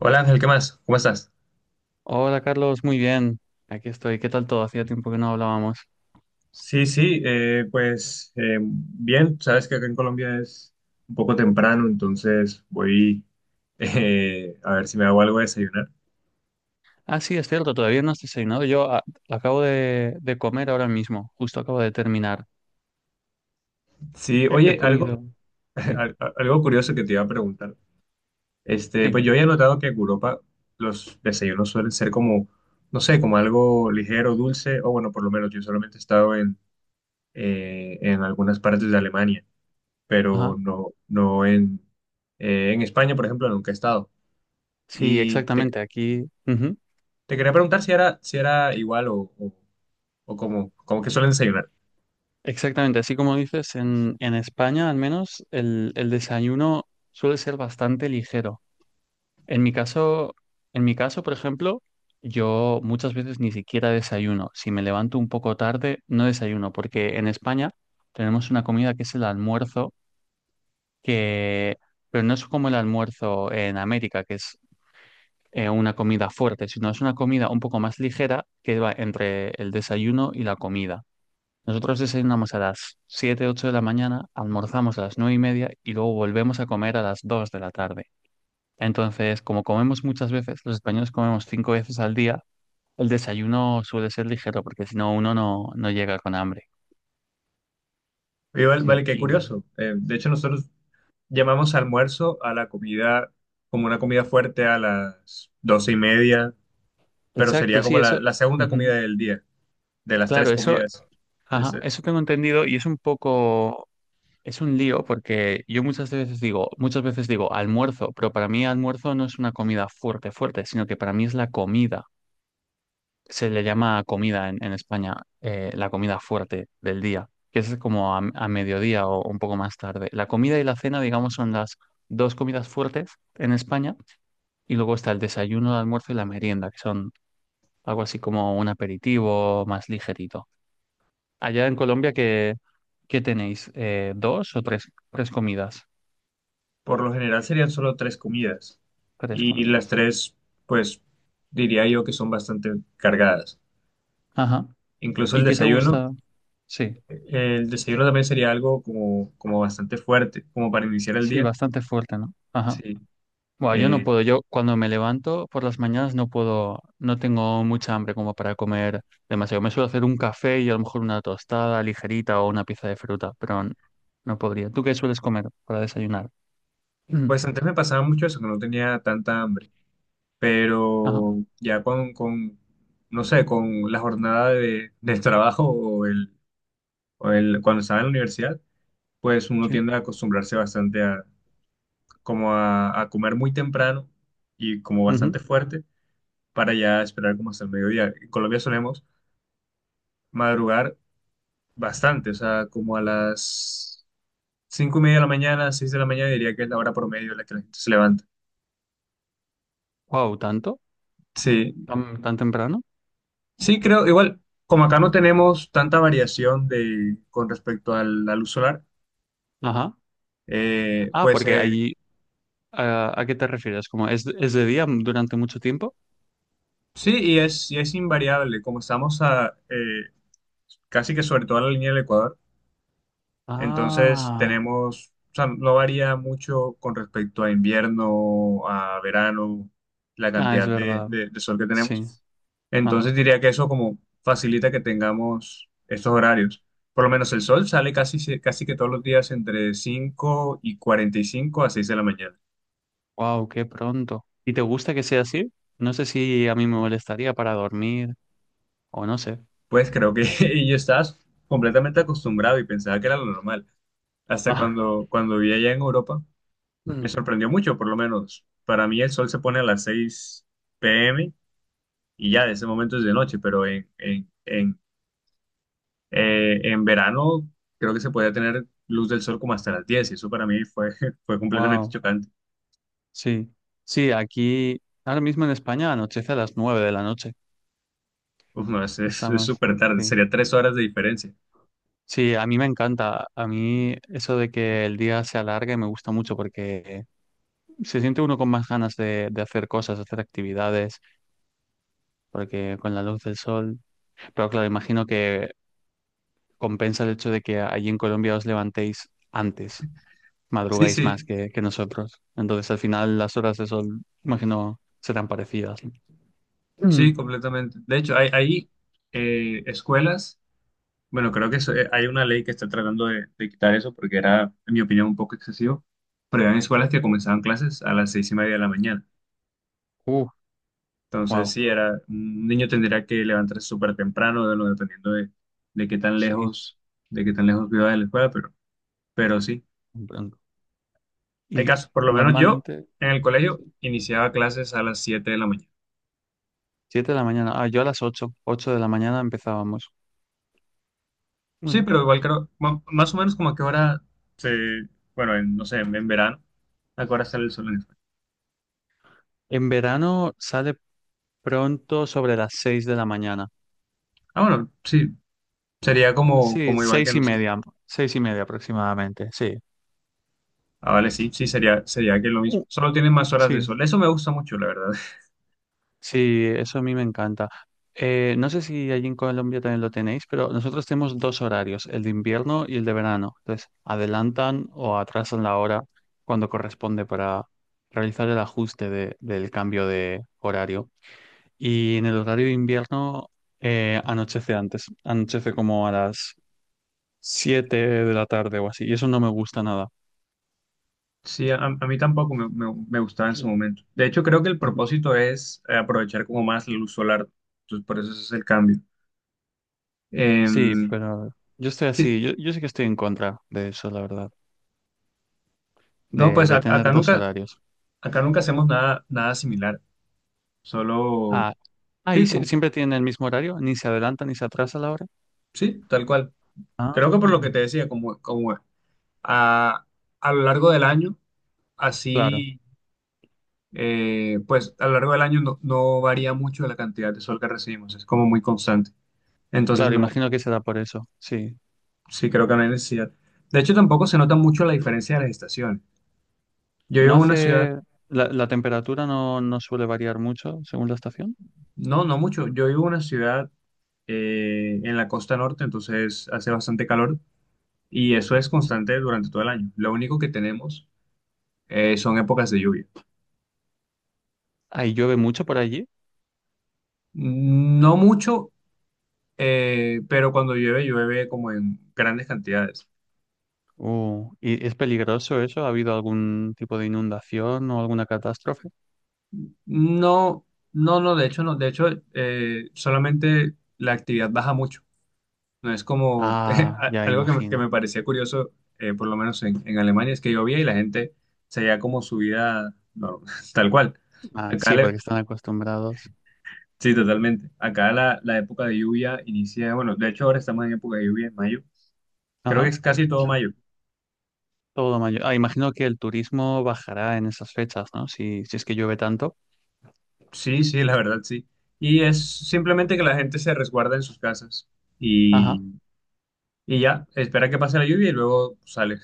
Hola Ángel, ¿qué más? ¿Cómo estás? Hola Carlos, muy bien. Aquí estoy. ¿Qué tal todo? Hacía tiempo que no hablábamos. Sí, sí, pues bien, sabes que acá en Colombia es un poco temprano, entonces voy a ver si me hago algo de desayunar. Ah, sí, es cierto, todavía no has desayunado. Yo acabo de comer ahora mismo, justo acabo de terminar. Sí, He oye, comido. Sí, algo curioso que te iba a preguntar. Este, sí, pues yo había notado que en Europa los desayunos suelen ser como, no sé, como algo ligero, dulce, o bueno, por lo menos yo solamente he estado en, en algunas partes de Alemania, pero ajá. no, no en España, por ejemplo, nunca he estado. Sí, Y te, exactamente, aquí. Ujú. te quería preguntar si era, si era igual o como que suelen desayunar. Exactamente, así como dices, en España al menos el desayuno suele ser bastante ligero. En mi caso, en mi caso, por ejemplo, yo muchas veces ni siquiera desayuno. Si me levanto un poco tarde, no desayuno, porque en España tenemos una comida que es el almuerzo, que, pero no es como el almuerzo en América, que es una comida fuerte, sino es una comida un poco más ligera que va entre el desayuno y la comida. Nosotros desayunamos a las 7 8 de la mañana, almorzamos a las 9 y media y luego volvemos a comer a las 2 de la tarde. Entonces, como comemos muchas veces, los españoles comemos cinco veces al día, el desayuno suele ser ligero porque si no uno no, no llega con hambre. Igual, vale, Sí, qué y curioso. De hecho, nosotros llamamos almuerzo a la comida, como una comida fuerte a las 12:30, pero sería exacto, como sí, la, eso. la segunda comida Ujú. del día, de las Claro, tres eso, comidas. ajá, eso Entonces, tengo entendido y es un poco, es un lío porque yo muchas veces digo almuerzo, pero para mí almuerzo no es una comida fuerte, fuerte, sino que para mí es la comida. Se le llama comida en España, la comida fuerte del día, que es como a mediodía o un poco más tarde. La comida y la cena, digamos, son las dos comidas fuertes en España y luego está el desayuno, el almuerzo y la merienda, que son algo así como un aperitivo más ligerito. Allá en Colombia, ¿qué, qué tenéis? ¿Dos o tres, tres comidas? por lo general serían solo tres comidas. Tres Y comidas. las tres, pues, diría yo que son bastante cargadas. Ajá. Incluso ¿Y el qué te desayuno gusta? Sí, El desayuno también sería algo como bastante fuerte, como para iniciar el sí, día. bastante fuerte, ¿no? Ajá. Sí. Buah, yo no Eh, puedo, yo cuando me levanto por las mañanas no puedo, no tengo mucha hambre como para comer demasiado. Me suelo hacer un café y a lo mejor una tostada ligerita o una pieza de fruta, pero no podría. ¿Tú qué sueles comer para desayunar? Mm, pues antes me pasaba mucho eso, que no tenía tanta hambre, ajá, pero ya con no sé, con la jornada del trabajo o el, cuando estaba en la universidad, pues uno sí. tiende a acostumbrarse bastante como a comer muy temprano y como bastante fuerte para ya esperar como hasta el mediodía. En Colombia solemos madrugar bastante, o sea, como a las cinco y media de la mañana, 6 de la mañana diría que es la hora promedio en la que la gente se levanta. Wow, ¿tanto? Sí, ¿Tan, tan temprano? sí creo, igual, como acá no tenemos tanta variación de, con respecto al luz solar, Ajá. Ah, pues porque allí, ah, ¿a qué te refieres? ¿Como es de día durante mucho tiempo? sí, y es invariable, como estamos casi que sobre toda la línea del Ecuador. Entonces Ah, tenemos, o sea, no varía mucho con respecto a invierno, a verano, la ah, es cantidad de, verdad, de- de sol que sí. tenemos. Ajá. Entonces diría que eso como facilita que tengamos estos horarios. Por lo menos el sol sale casi que todos los días entre 5:45 a 6 de la mañana. Wow, qué pronto. ¿Y te gusta que sea así? No sé si a mí me molestaría para dormir o no sé. Pues creo que y ya estás completamente acostumbrado y pensaba que era lo normal. Hasta cuando vi allá en Europa, me sorprendió mucho, por lo menos. Para mí el sol se pone a las 6 p.m. y ya de ese momento es de noche, pero en verano creo que se podía tener luz del sol como hasta las 10 y eso para mí fue completamente Wow, chocante. sí. Sí, aquí ahora mismo en España anochece a las nueve de la noche. Uf, no, es Estamos. súper tarde, Sí. sería 3 horas de diferencia. Sí, a mí me encanta. A mí eso de que el día se alargue me gusta mucho porque se siente uno con más ganas de hacer cosas, hacer actividades, porque con la luz del sol. Pero claro, imagino que compensa el hecho de que allí en Colombia os levantéis antes. Sí, Madrugáis sí, más que nosotros. Entonces, al final, las horas de sol, imagino, serán parecidas. Mm. sí, completamente. De hecho, hay escuelas, bueno, creo que hay una ley que está tratando de quitar eso porque era, en mi opinión, un poco excesivo, pero eran escuelas que comenzaban clases a las 6:30 de la mañana. Uh, Entonces, wow, sí, un niño tendría que levantarse súper temprano, dependiendo de qué tan sí, lejos, de qué tan lejos, viva de la escuela, pero sí. muy pronto. Hay Y casos, por lo menos yo normalmente, en el colegio sí, iniciaba clases a las 7 de la mañana. 7 de la mañana. Ah, yo a las 8 8 de la mañana empezábamos. Sí, Bueno, pero igual creo, más o menos como a qué hora se, bueno, no sé, en verano, a qué hora sale el sol en España. en verano sale pronto sobre las 6 de la mañana. Ah, bueno, sí, sería como, Sí, como igual que nosotros. Seis y media aproximadamente, sí. Ah, vale, sí, sí, sería que lo mismo. Uh, Solo tienen más horas de sí, sol. Eso me gusta mucho, la verdad. sí, eso a mí me encanta. No sé si allí en Colombia también lo tenéis, pero nosotros tenemos dos horarios, el de invierno y el de verano. Entonces, adelantan o atrasan la hora cuando corresponde para realizar el ajuste del cambio de horario. Y en el horario de invierno anochece antes, anochece como a las 7 de la tarde o así, y eso no me gusta nada. Sí, a mí tampoco me gustaba en su momento. De hecho, creo que el Ujú. propósito es aprovechar como más la luz solar. Entonces, por eso ese es el cambio. Sí, Em, pero yo estoy sí. así, yo sí que estoy en contra de eso, la verdad, No, de pues tener acá dos nunca, horarios. acá nunca hacemos nada, nada similar. Solo, Ah, ahí sí, siempre tienen el mismo horario, ni se adelanta ni se atrasa la hora. sí, tal cual. Creo que por lo Ah, que te decía, como a, a lo largo del año, claro, así, pues a lo largo del año no varía mucho la cantidad de sol que recibimos. Es como muy constante. Entonces, claro, no. imagino que será por eso, sí. Sí, creo que no hay necesidad. De hecho, tampoco se nota mucho la diferencia de las estaciones. Yo No vivo en una ciudad, hace, la temperatura no, no suele variar mucho según la estación. no, no mucho, yo vivo en una ciudad en la costa norte, entonces hace bastante calor y eso es constante durante todo el año. Lo único que tenemos son épocas de lluvia. Ahí llueve mucho por allí. No mucho, pero cuando llueve, llueve como en grandes cantidades. ¿Y es peligroso eso? ¿Ha habido algún tipo de inundación o alguna catástrofe? No, no, no, de hecho no, de hecho solamente la actividad baja mucho. No es como Ah, ya algo que me imagino. parecía curioso, por lo menos en Alemania, es que llovía y la gente seguía como su vida normal, tal cual. Ah, Acá sí, porque le- están acostumbrados. sí, totalmente. Acá la época de lluvia inicia, bueno, de hecho ahora estamos en época de lluvia en mayo. Creo que Ajá, es casi todo mayo. todo mayo. Ah, imagino que el turismo bajará en esas fechas, ¿no? Si, si es que llueve tanto. Sí, sí, la verdad, sí. Y es simplemente que la gente se resguarda en sus casas Ajá, y, y ya, espera que pase la lluvia y luego sale.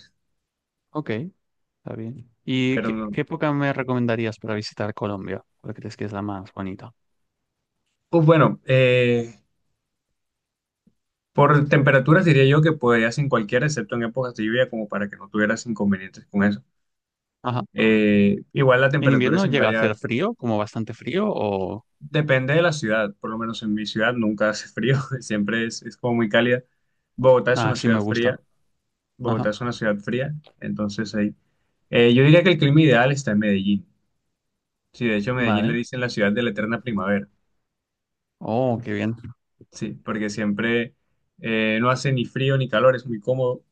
ok. Está bien. ¿Y Pero qué, no. qué época me recomendarías para visitar Colombia? ¿Cuál crees que es la más bonita? Pues bueno, por temperaturas diría yo que podrías en cualquiera, excepto en épocas de lluvia, como para que no tuvieras inconvenientes con eso. Ajá. Igual la ¿En temperatura es invierno llega a hacer invariable. frío, como bastante frío, o...? Depende de la ciudad, por lo menos en mi ciudad nunca hace frío, siempre es como muy cálida. Bogotá es Ah, una sí me ciudad fría, gusta. Bogotá Ajá. es una ciudad fría, entonces ahí. Yo diría que el clima ideal está en Medellín. Sí, de hecho Medellín le Vale. dicen la ciudad de la eterna primavera, Oh, qué bien. sí, porque siempre no hace ni frío ni calor, es muy cómodo.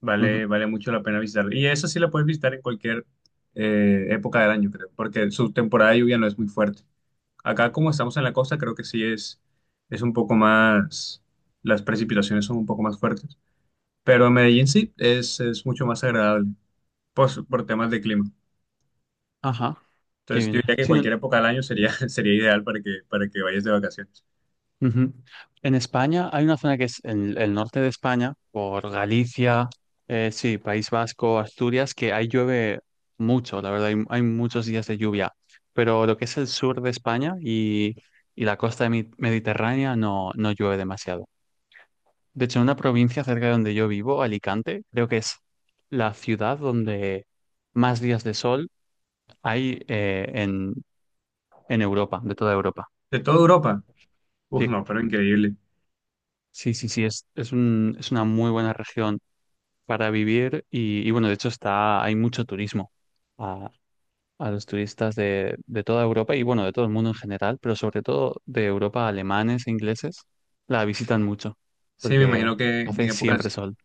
Vale, Ujú. vale mucho la pena visitar. Y eso sí lo puedes visitar en cualquier época del año, creo, porque su temporada de lluvia no es muy fuerte. Acá, como estamos en la costa, creo que sí es un poco más, las precipitaciones son un poco más fuertes. Pero en Medellín sí es mucho más agradable pues, por temas de clima. Ajá. Qué Entonces, yo bien. diría que Sí, cualquier no, época del año sería ideal para que vayas de vacaciones. ujú. En España hay una zona que es en el norte de España, por Galicia, sí, País Vasco, Asturias, que ahí llueve mucho, la verdad, hay muchos días de lluvia, pero lo que es el sur de España y la costa mediterránea no, no llueve demasiado. De hecho, en una provincia cerca de donde yo vivo, Alicante, creo que es la ciudad donde más días de sol hay en Europa, de toda Europa. De toda Europa, uf, Sí, no, pero increíble. sí, sí, sí, es un, es una muy buena región para vivir y, bueno, de hecho está, hay mucho turismo a, a los turistas de toda Europa y bueno, de todo el mundo en general, pero sobre todo de Europa, alemanes e ingleses, la visitan mucho Sí, porque hace siempre sol.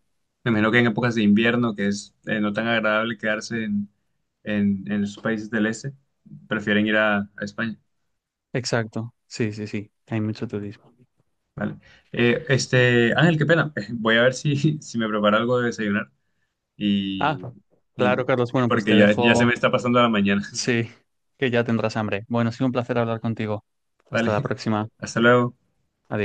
Me imagino que en épocas de invierno, que es no tan agradable quedarse en esos países del este, prefieren ir a España. Exacto, sí, sí, sí, hay mucho turismo. Vale. Este, Ángel, qué pena. Voy a ver si me preparo algo de desayunar y, Ah, y- claro, Carlos, y bueno, pues porque te ya se dejo, me está pasando la mañana. sí, que ya tendrás hambre. Bueno, ha sido un placer hablar contigo. Hasta Vale, la próxima. hasta luego. Adiós.